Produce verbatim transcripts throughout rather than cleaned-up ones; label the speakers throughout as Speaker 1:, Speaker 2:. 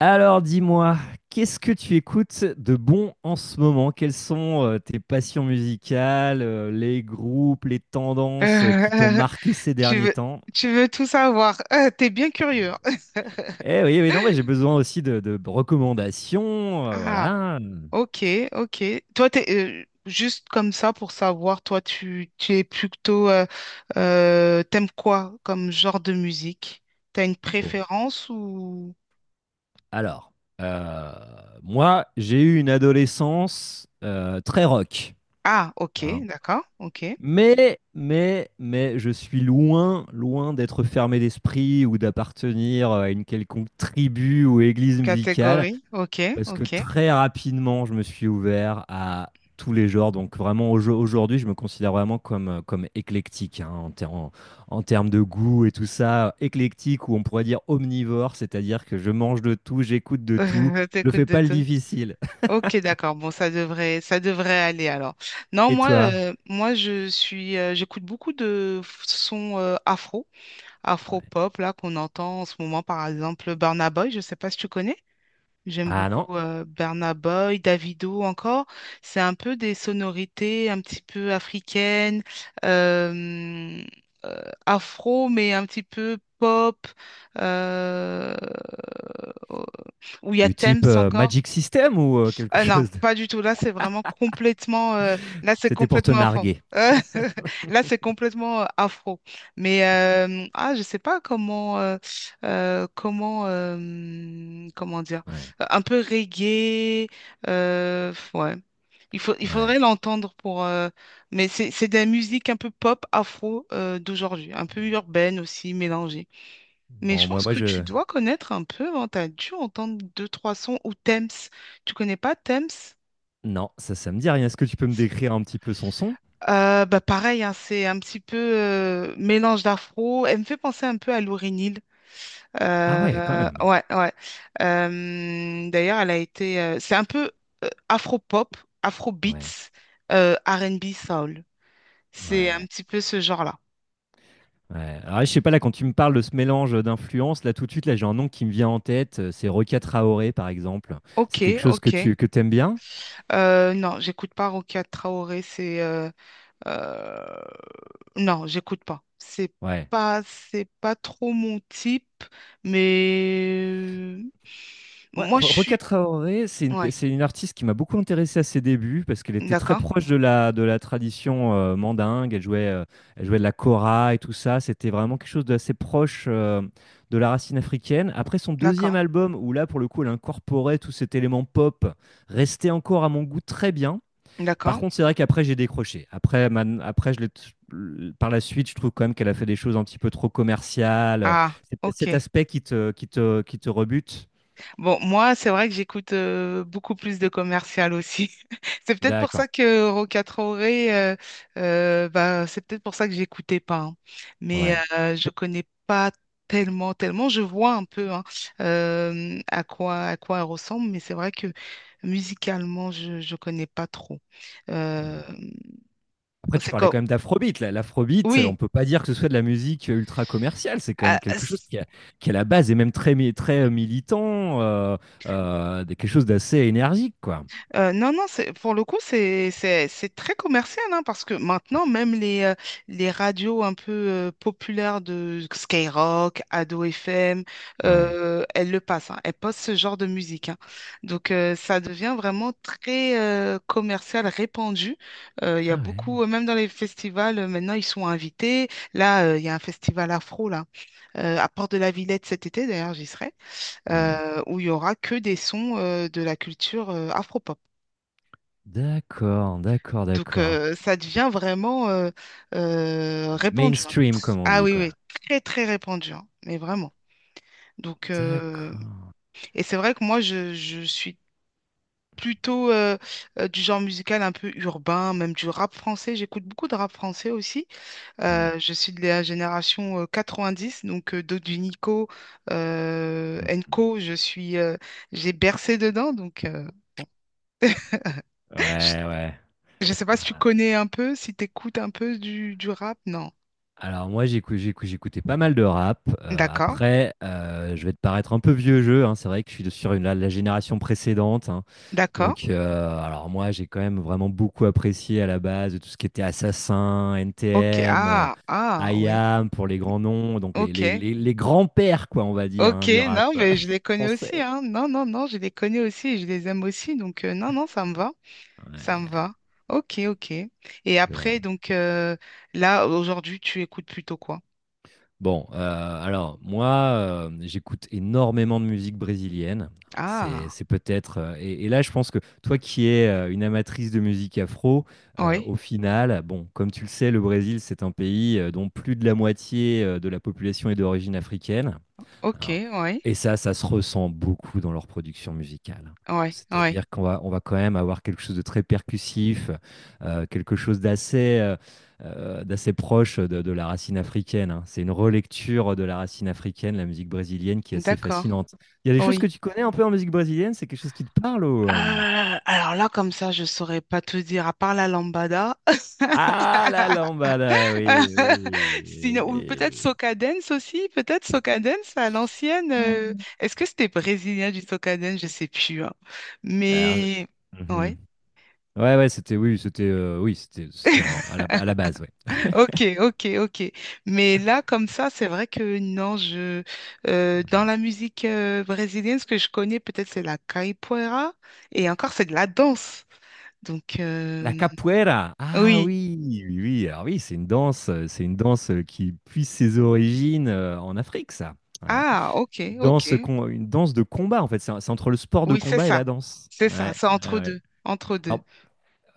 Speaker 1: Alors dis-moi, qu'est-ce que tu écoutes de bon en ce moment? Quelles sont euh, tes passions musicales, euh, les groupes, les
Speaker 2: Euh,
Speaker 1: tendances euh, qui t'ont marqué ces
Speaker 2: tu
Speaker 1: derniers
Speaker 2: veux,
Speaker 1: temps?
Speaker 2: tu veux tout savoir. Euh, t'es bien curieux.
Speaker 1: Eh oui, oui, non, mais j'ai besoin aussi de, de recommandations, euh,
Speaker 2: Ah,
Speaker 1: voilà.
Speaker 2: ok, ok. Toi, t'es, euh, Juste comme ça pour savoir, toi, tu, tu es plutôt, euh, euh, t'aimes quoi comme genre de musique? T'as une
Speaker 1: Bon,
Speaker 2: préférence ou...
Speaker 1: alors, euh, moi, j'ai eu une adolescence euh, très rock,
Speaker 2: Ah, ok,
Speaker 1: hein.
Speaker 2: d'accord, ok.
Speaker 1: Mais, mais, mais, je suis loin, loin d'être fermé d'esprit ou d'appartenir à une quelconque tribu ou église musicale,
Speaker 2: Catégorie, ok,
Speaker 1: parce que
Speaker 2: ok.
Speaker 1: très rapidement, je me suis ouvert à tous les genres. Donc vraiment, au- aujourd'hui, je me considère vraiment comme, comme éclectique, hein, en, ter- en- en termes de goût et tout ça. Éclectique, ou on pourrait dire omnivore, c'est-à-dire que je mange de tout, j'écoute de tout,
Speaker 2: Euh,
Speaker 1: je
Speaker 2: T'écoutes
Speaker 1: fais
Speaker 2: de
Speaker 1: pas le
Speaker 2: tout.
Speaker 1: difficile.
Speaker 2: Ok, d'accord. Bon, ça devrait, ça devrait aller alors. Non,
Speaker 1: Et
Speaker 2: moi,
Speaker 1: toi?
Speaker 2: euh, moi, je suis, euh, j'écoute beaucoup de f- sons euh, afro.
Speaker 1: Ouais.
Speaker 2: Afro-pop là qu'on entend en ce moment, par exemple Burna Boy, je sais pas si tu connais. J'aime
Speaker 1: Ah
Speaker 2: beaucoup
Speaker 1: non?
Speaker 2: euh, Burna Boy, Davido encore. C'est un peu des sonorités un petit peu africaines, euh, euh, afro, mais un petit peu pop, euh, oh, où il y a
Speaker 1: Du
Speaker 2: Thames
Speaker 1: type euh,
Speaker 2: encore.
Speaker 1: Magic System ou euh, quelque
Speaker 2: Euh, non,
Speaker 1: chose.
Speaker 2: pas du tout. Là, c'est vraiment complètement. Euh, là, c'est
Speaker 1: C'était pour te
Speaker 2: complètement enfant.
Speaker 1: narguer.
Speaker 2: Euh, Là, c'est complètement euh, afro. Mais euh, ah, je sais pas comment, euh, euh, comment, euh, comment dire,
Speaker 1: Ouais,
Speaker 2: euh, un peu reggae. euh, ouais. Il faut, il
Speaker 1: ouais.
Speaker 2: faudrait l'entendre pour. euh, Mais c'est, c'est de la musique un peu pop afro euh, d'aujourd'hui, un peu urbaine aussi, mélangée. Mais je
Speaker 1: Bon, moi,
Speaker 2: pense
Speaker 1: moi,
Speaker 2: que tu
Speaker 1: je.
Speaker 2: dois connaître un peu, hein, tu as dû entendre deux, trois sons ou Thames. Tu connais pas Thames?
Speaker 1: Non, ça, ça me dit rien. Est-ce que tu peux me décrire un petit peu son son?
Speaker 2: Euh, bah pareil, hein, c'est un petit peu euh, mélange d'afro. Elle me fait penser un peu à Lauryn Hill.
Speaker 1: Ah ouais, quand
Speaker 2: Euh,
Speaker 1: même.
Speaker 2: ouais, ouais. Euh, d'ailleurs, elle a été. Euh, c'est un peu euh, afro-pop,
Speaker 1: Ouais,
Speaker 2: afro-beats, euh, R and B soul. C'est un
Speaker 1: ouais.
Speaker 2: petit peu ce genre-là.
Speaker 1: Ah ouais. Alors, je sais pas, là, quand tu me parles de ce mélange d'influences, là, tout de suite, là, j'ai un nom qui me vient en tête. euh, C'est Rokia Traoré, par exemple.
Speaker 2: Ok,
Speaker 1: C'est quelque chose
Speaker 2: ok.
Speaker 1: que tu que t'aimes bien?
Speaker 2: Euh, non, j'écoute pas Rokia Traoré, c'est euh, euh, non, j'écoute pas. C'est
Speaker 1: Ouais.
Speaker 2: pas c'est pas trop mon type, mais euh,
Speaker 1: Ouais,
Speaker 2: moi je
Speaker 1: Ro- Rokia
Speaker 2: suis
Speaker 1: Traoré, c'est une,
Speaker 2: ouais,
Speaker 1: c'est une artiste qui m'a beaucoup intéressé à ses débuts parce qu'elle était très
Speaker 2: d'accord,
Speaker 1: proche de la, de la tradition euh, mandingue. Elle jouait, euh, elle jouait de la kora et tout ça. C'était vraiment quelque chose d'assez proche euh, de la racine africaine. Après son deuxième
Speaker 2: d'accord,
Speaker 1: album, où là, pour le coup, elle incorporait tout cet élément pop, restait encore à mon goût très bien. Par
Speaker 2: d'accord.
Speaker 1: contre, c'est vrai qu'après, j'ai décroché. Après, man- après je l'ai t- Par la suite, je trouve quand même qu'elle a fait des choses un petit peu trop commerciales.
Speaker 2: Ah,
Speaker 1: C'est peut-être cet
Speaker 2: ok.
Speaker 1: aspect qui te, qui te, qui te rebute.
Speaker 2: Bon, moi c'est vrai que j'écoute euh, beaucoup plus de commercial aussi. C'est peut-être pour
Speaker 1: D'accord.
Speaker 2: ça que Roca Traoré, euh, euh, bah, c'est peut-être pour ça que j'écoutais pas, hein. Mais
Speaker 1: Ouais,
Speaker 2: euh, je connais pas tellement, tellement. Je vois un peu hein, euh, à quoi, à quoi elle ressemble, mais c'est vrai que musicalement, je je connais pas trop.
Speaker 1: ouais.
Speaker 2: Euh,
Speaker 1: Après, tu
Speaker 2: c'est
Speaker 1: parlais
Speaker 2: comme,
Speaker 1: quand même d'afrobeat, là. L'afrobeat,
Speaker 2: oui.
Speaker 1: on peut pas dire que ce soit de la musique ultra commerciale. C'est quand
Speaker 2: Ah,
Speaker 1: même quelque chose qui, à qui à la base est même très, mi- très euh, militant, euh, euh, de- quelque chose d'assez énergique, quoi.
Speaker 2: Euh, non, non, c'est, pour le coup, c'est, c'est, c'est très commercial, hein, parce que maintenant, même les, euh, les radios un peu euh, populaires de Skyrock, Ado F M,
Speaker 1: Ouais. Ouais.
Speaker 2: euh, elles le passent, hein, elles passent ce genre de musique, hein. Donc, euh, ça devient vraiment très euh, commercial, répandu. Euh, Il y a
Speaker 1: Ah
Speaker 2: beaucoup,
Speaker 1: ouais.
Speaker 2: euh, Même dans les festivals, euh, maintenant, ils sont invités. Là, euh, il y a un festival afro, là, euh, à Port de la Villette cet été, d'ailleurs, j'y serai,
Speaker 1: Ouais.
Speaker 2: euh, où il y aura que des sons euh, de la culture afro.
Speaker 1: D'accord, d'accord,
Speaker 2: Donc,
Speaker 1: d'accord.
Speaker 2: euh, ça devient vraiment euh, euh, répandu, hein.
Speaker 1: Mainstream, comme on
Speaker 2: Ah
Speaker 1: dit,
Speaker 2: oui,
Speaker 1: quoi.
Speaker 2: oui, très, très répandu, hein, mais vraiment. Donc, euh,
Speaker 1: D'accord.
Speaker 2: et c'est vrai que moi, je, je suis plutôt euh, euh, du genre musical un peu urbain, même du rap français. J'écoute beaucoup de rap français aussi.
Speaker 1: Ouais.
Speaker 2: Euh, je suis de la génération euh, dix donc euh, Dodu Nico, euh,
Speaker 1: Mm, mm.
Speaker 2: Enco, je suis, euh, j'ai bercé dedans. Donc, euh, bon.
Speaker 1: Ouais, ouais.
Speaker 2: Je ne sais pas si tu
Speaker 1: Ah,
Speaker 2: connais un peu, si tu écoutes un peu du, du rap. Non.
Speaker 1: alors moi, j'écou- j'écou- j'écoutais pas mal de rap. Euh,
Speaker 2: D'accord.
Speaker 1: après, euh, je vais te paraître un peu vieux jeu, hein. C'est vrai que je suis de- sur une- la, la génération précédente, hein.
Speaker 2: D'accord.
Speaker 1: Donc, euh, alors moi, j'ai quand même vraiment beaucoup apprécié à la base tout ce qui était Assassin,
Speaker 2: Ok.
Speaker 1: N T M, euh,
Speaker 2: Ah, ah, oui.
Speaker 1: I A M pour les grands noms, donc les, les-
Speaker 2: Ok.
Speaker 1: les- les grands-pères, quoi, on va dire, hein,
Speaker 2: Ok.
Speaker 1: du rap
Speaker 2: Non,
Speaker 1: euh,
Speaker 2: mais je les connais aussi,
Speaker 1: français.
Speaker 2: hein. Non, non, non, je les connais aussi et je les aime aussi. Donc, euh, non, non, ça me va. Ça me
Speaker 1: Ouais,
Speaker 2: va. Ok, ok. Et
Speaker 1: le rap.
Speaker 2: après, donc, euh, là, aujourd'hui, tu écoutes plutôt quoi?
Speaker 1: Bon, euh, alors moi, euh, j'écoute énormément de musique brésilienne. C'est,
Speaker 2: Ah,
Speaker 1: c'est peut-être. euh, et, et là, je pense que toi qui es euh, une amatrice de musique afro, euh,
Speaker 2: oui.
Speaker 1: au final, bon, comme tu le sais, le Brésil, c'est un pays euh, dont plus de la moitié euh, de la population est d'origine africaine,
Speaker 2: Ok,
Speaker 1: hein.
Speaker 2: oui.
Speaker 1: Et ça, ça se ressent beaucoup dans leur production musicale.
Speaker 2: Oui, oui.
Speaker 1: C'est-à-dire qu'on va, on va quand même avoir quelque chose de très percussif, euh, quelque chose d'assez euh, euh, d'assez proche de, de la racine africaine, hein. C'est une relecture de la racine africaine, la musique brésilienne, qui est assez
Speaker 2: D'accord.
Speaker 1: fascinante. Il y a des choses que
Speaker 2: Oui.
Speaker 1: tu connais un peu en musique brésilienne, c'est quelque chose qui te parle ou...
Speaker 2: Euh,
Speaker 1: euh,
Speaker 2: alors là, comme ça, je saurais pas te dire, à part la lambada.
Speaker 1: Ah, la lambada, oui, oui,
Speaker 2: Sinon, ou peut-être
Speaker 1: oui.
Speaker 2: Soca Dance aussi, peut-être Soca Dance à l'ancienne. euh, Est-ce que c'était brésilien du Soca Dance? Je sais plus, hein.
Speaker 1: Alors,
Speaker 2: Mais
Speaker 1: mhm.
Speaker 2: ouais.
Speaker 1: Ouais, ouais, c'était, oui, c'était, euh, oui, c'était, c'était en- à la, à la base, ouais.
Speaker 2: Ok, ok, ok. Mais là, comme ça, c'est vrai que non, je euh, dans la musique euh, brésilienne, ce que je connais peut-être c'est la capoeira, et encore c'est de la danse. Donc
Speaker 1: La
Speaker 2: euh,
Speaker 1: capoeira. Ah
Speaker 2: oui.
Speaker 1: oui, oui, oui. Alors oui, c'est une danse, euh, c'est une danse euh, qui puise ses origines euh, en Afrique, ça, hein.
Speaker 2: Ah, ok,
Speaker 1: Une
Speaker 2: ok.
Speaker 1: danse, con- une danse de combat, en fait. C'est un- c'est entre le sport de
Speaker 2: Oui, c'est
Speaker 1: combat et
Speaker 2: ça.
Speaker 1: la danse.
Speaker 2: C'est ça,
Speaker 1: Ouais,
Speaker 2: c'est
Speaker 1: ouais,
Speaker 2: entre
Speaker 1: ouais.
Speaker 2: deux, entre deux.
Speaker 1: Alors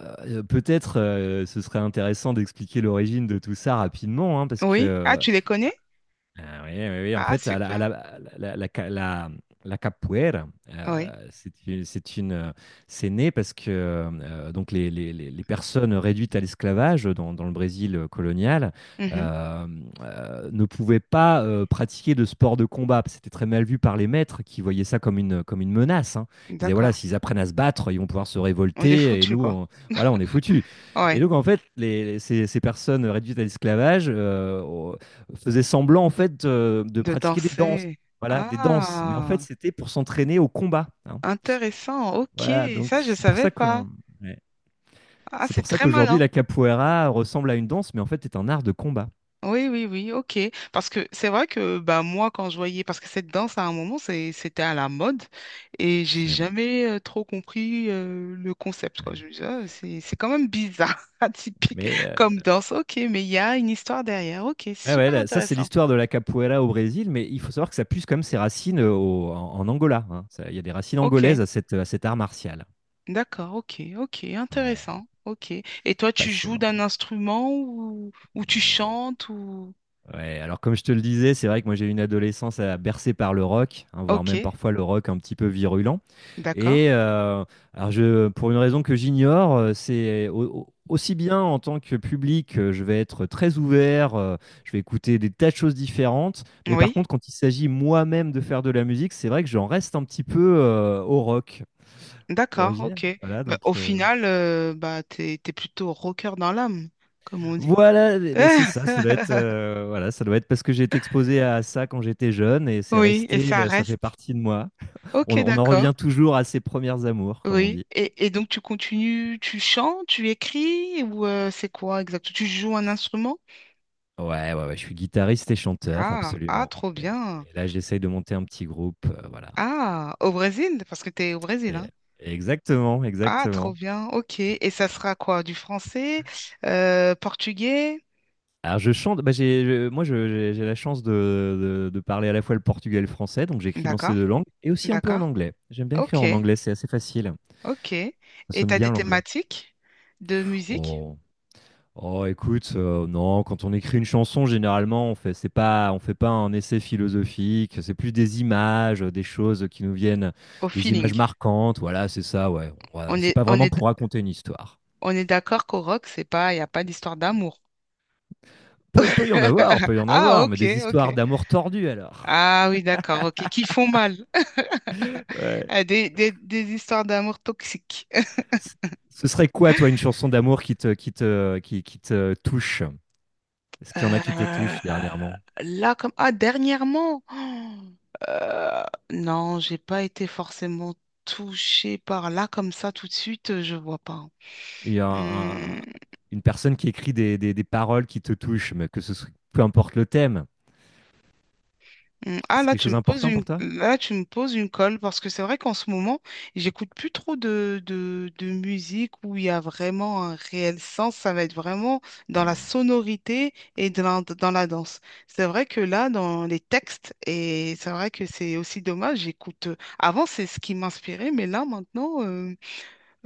Speaker 1: euh, peut-être euh, ce serait intéressant d'expliquer l'origine de tout ça rapidement, hein, parce
Speaker 2: Oui. Ah,
Speaker 1: que
Speaker 2: tu les connais?
Speaker 1: ah oui, oui, oui. En
Speaker 2: Ah,
Speaker 1: fait, à la,
Speaker 2: super.
Speaker 1: à la- la- la- la- la- la capoeira,
Speaker 2: Oui.
Speaker 1: euh, c'est une, c'est une, euh, c'est né parce que euh, donc les, les- les- les personnes réduites à l'esclavage dans, dans le Brésil colonial
Speaker 2: Mhm.
Speaker 1: euh, euh, ne pouvaient pas euh, pratiquer de sport de combat. C'était très mal vu par les maîtres qui voyaient ça comme une, comme une menace, hein. Ils disaient,
Speaker 2: D'accord.
Speaker 1: voilà, s'ils apprennent à se battre, ils vont pouvoir se
Speaker 2: On est
Speaker 1: révolter et
Speaker 2: foutu,
Speaker 1: nous,
Speaker 2: quoi.
Speaker 1: on- voilà, on est foutus. Et
Speaker 2: Ouais.
Speaker 1: donc, en fait, les, ces, ces personnes réduites à l'esclavage, euh, faisait semblant en fait de, de
Speaker 2: De
Speaker 1: pratiquer des danses,
Speaker 2: danser.
Speaker 1: voilà, des danses. Mais en fait,
Speaker 2: Ah,
Speaker 1: c'était pour s'entraîner au combat, hein.
Speaker 2: intéressant. Ok,
Speaker 1: Voilà, donc
Speaker 2: ça, je
Speaker 1: c'est pour
Speaker 2: savais
Speaker 1: ça que
Speaker 2: pas.
Speaker 1: ouais,
Speaker 2: Ah,
Speaker 1: c'est
Speaker 2: c'est
Speaker 1: pour ça
Speaker 2: très
Speaker 1: qu'aujourd'hui
Speaker 2: malin.
Speaker 1: la capoeira ressemble à une danse, mais en fait est un art de combat.
Speaker 2: Oui, oui, oui, ok. Parce que c'est vrai que bah, moi, quand je voyais, parce que cette danse, à un moment, c'est- c'était à la mode et j'ai
Speaker 1: Absolument.
Speaker 2: jamais euh, trop compris euh, le concept, quoi.
Speaker 1: Ouais.
Speaker 2: Je me disais, ah, c'est, c'est quand même bizarre, atypique
Speaker 1: Mais euh,
Speaker 2: comme danse. Ok, mais il y a une histoire derrière. Ok,
Speaker 1: ouais, ouais,
Speaker 2: super
Speaker 1: là, ça c'est
Speaker 2: intéressant.
Speaker 1: l'histoire de la capoeira au Brésil, mais il faut savoir que ça puise quand même ses racines au- en, en Angola, hein. Ça- Il y a des racines
Speaker 2: Ok.
Speaker 1: angolaises à, cette, à cet art martial.
Speaker 2: D'accord, ok, ok,
Speaker 1: Ouais,
Speaker 2: intéressant, ok. Et toi, tu joues
Speaker 1: passionnant.
Speaker 2: d'un instrument ou, ou tu
Speaker 1: Ouais.
Speaker 2: chantes ou...
Speaker 1: Ouais, alors comme je te le disais, c'est vrai que moi j'ai eu une adolescence à bercée par le rock, hein, voire
Speaker 2: Ok,
Speaker 1: même parfois le rock un petit peu virulent.
Speaker 2: d'accord,
Speaker 1: Et euh, alors je, pour une raison que j'ignore, euh, c'est au- au- aussi bien en tant que public, euh, je vais être très ouvert, euh, je vais écouter des tas de choses différentes. Mais par
Speaker 2: oui,
Speaker 1: contre, quand il s'agit moi-même de faire de la musique, c'est vrai que j'en reste un petit peu euh, au rock
Speaker 2: d'accord,
Speaker 1: originel.
Speaker 2: ok.
Speaker 1: Voilà,
Speaker 2: Bah,
Speaker 1: donc.
Speaker 2: au
Speaker 1: euh,
Speaker 2: final, euh, bah, t'es, t'es plutôt rocker dans l'âme, comme on dit.
Speaker 1: Voilà, mais mais c'est ça, ça doit être, heu, voilà, ça doit être parce que j'ai été exposé à ça quand j'étais jeune et c'est
Speaker 2: Oui, et
Speaker 1: resté,
Speaker 2: ça
Speaker 1: heu, ça fait
Speaker 2: reste.
Speaker 1: partie de moi.
Speaker 2: Ok,
Speaker 1: On on en
Speaker 2: d'accord,
Speaker 1: revient toujours à ses premières amours, comme on
Speaker 2: oui.
Speaker 1: dit.
Speaker 2: Et, et donc, tu continues, tu chantes, tu écris ou euh, c'est quoi exactement? Tu joues un instrument?
Speaker 1: Ouais, ouais, ouais, je suis guitariste et chanteur,
Speaker 2: Ah, ah,
Speaker 1: absolument,
Speaker 2: trop
Speaker 1: et
Speaker 2: bien.
Speaker 1: et là, j'essaye de monter un petit groupe, heu, voilà,
Speaker 2: Ah, au Brésil, parce que t'es au Brésil,
Speaker 1: et
Speaker 2: hein.
Speaker 1: exactement,
Speaker 2: Ah, trop
Speaker 1: exactement.
Speaker 2: bien, ok. Et ça sera quoi? Du français, euh, portugais?
Speaker 1: Alors je chante, bah, j'ai je moi, je j'ai j'ai la chance de de de parler à la fois le portugais et le français, donc j'écris dans ces
Speaker 2: D'accord,
Speaker 1: deux langues et aussi un peu en
Speaker 2: d'accord.
Speaker 1: anglais. J'aime bien écrire en
Speaker 2: Ok,
Speaker 1: anglais, c'est assez facile.
Speaker 2: ok.
Speaker 1: Ça
Speaker 2: Et
Speaker 1: sonne
Speaker 2: t'as des
Speaker 1: bien l'anglais.
Speaker 2: thématiques de musique
Speaker 1: Oh! Oh, écoute, euh, non, quand on écrit une chanson, généralement, on fait, c'est pas, on fait pas un essai philosophique, c'est plus des images, euh, des choses qui nous viennent,
Speaker 2: au
Speaker 1: des
Speaker 2: feeling.
Speaker 1: images marquantes, voilà, c'est ça, ouais. Ouais,
Speaker 2: On
Speaker 1: c'est
Speaker 2: est,
Speaker 1: pas
Speaker 2: on
Speaker 1: vraiment
Speaker 2: est,
Speaker 1: pour raconter une histoire.
Speaker 2: on est d'accord qu'au rock, c'est pas, il n'y a pas d'histoire d'amour.
Speaker 1: Peut, peut y en avoir, peut y en
Speaker 2: Ah,
Speaker 1: avoir, mais
Speaker 2: ok,
Speaker 1: des histoires
Speaker 2: ok.
Speaker 1: d'amour tordues alors.
Speaker 2: Ah oui, d'accord, ok. Qui font mal.
Speaker 1: Ouais.
Speaker 2: Ah, des, des, des histoires d'amour toxiques.
Speaker 1: C- Ce serait quoi, toi, une chanson d'amour qui te, qui te, qui, qui te touche? Est-ce qu'il y en a qui te
Speaker 2: Euh,
Speaker 1: touchent dernièrement?
Speaker 2: là, comme... Ah, dernièrement. Oh, euh, non, j'ai pas été forcément touchée par là comme ça tout de suite, euh, je vois pas.
Speaker 1: Il y a un- un-
Speaker 2: Hum,
Speaker 1: une personne qui écrit des, des, des paroles qui te touchent, mais que ce soit, peu importe le thème.
Speaker 2: hum. Ah
Speaker 1: C'est
Speaker 2: là
Speaker 1: quelque
Speaker 2: tu
Speaker 1: chose
Speaker 2: me poses
Speaker 1: d'important
Speaker 2: une
Speaker 1: pour toi.
Speaker 2: là tu me poses une colle parce que c'est vrai qu'en ce moment j'écoute plus trop de, de, de musique où il y a vraiment un réel sens, ça va être vraiment dans la
Speaker 1: Mhm.
Speaker 2: sonorité et dans, dans la danse. C'est vrai que là dans les textes et c'est vrai que c'est aussi dommage. J'écoute, avant c'est ce qui m'inspirait, mais là maintenant euh,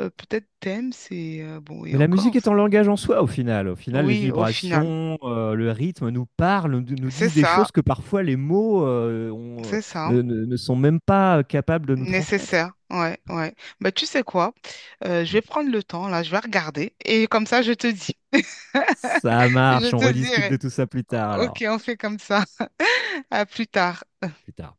Speaker 2: euh, peut-être thème, c'est... euh, bon, et
Speaker 1: Mais la musique
Speaker 2: encore,
Speaker 1: est
Speaker 2: c'est-
Speaker 1: un langage en soi au final. Au final, les
Speaker 2: Oui, au final.
Speaker 1: vibrations, euh, le rythme nous parlent, nous, nous
Speaker 2: C'est
Speaker 1: disent des
Speaker 2: ça,
Speaker 1: choses que parfois les mots euh, ont-
Speaker 2: c'est ça.
Speaker 1: ne, ne- ne sont même pas capables de nous transmettre.
Speaker 2: Nécessaire. Ouais, ouais. Bah, tu sais quoi? Euh, je
Speaker 1: Mhm.
Speaker 2: vais prendre le temps, là, je vais regarder. Et comme ça, je te dis.
Speaker 1: Ça marche,
Speaker 2: Je
Speaker 1: on
Speaker 2: te
Speaker 1: rediscute
Speaker 2: dirai.
Speaker 1: de tout ça plus tard alors.
Speaker 2: Ok, on fait comme ça. À plus tard.
Speaker 1: Plus tard.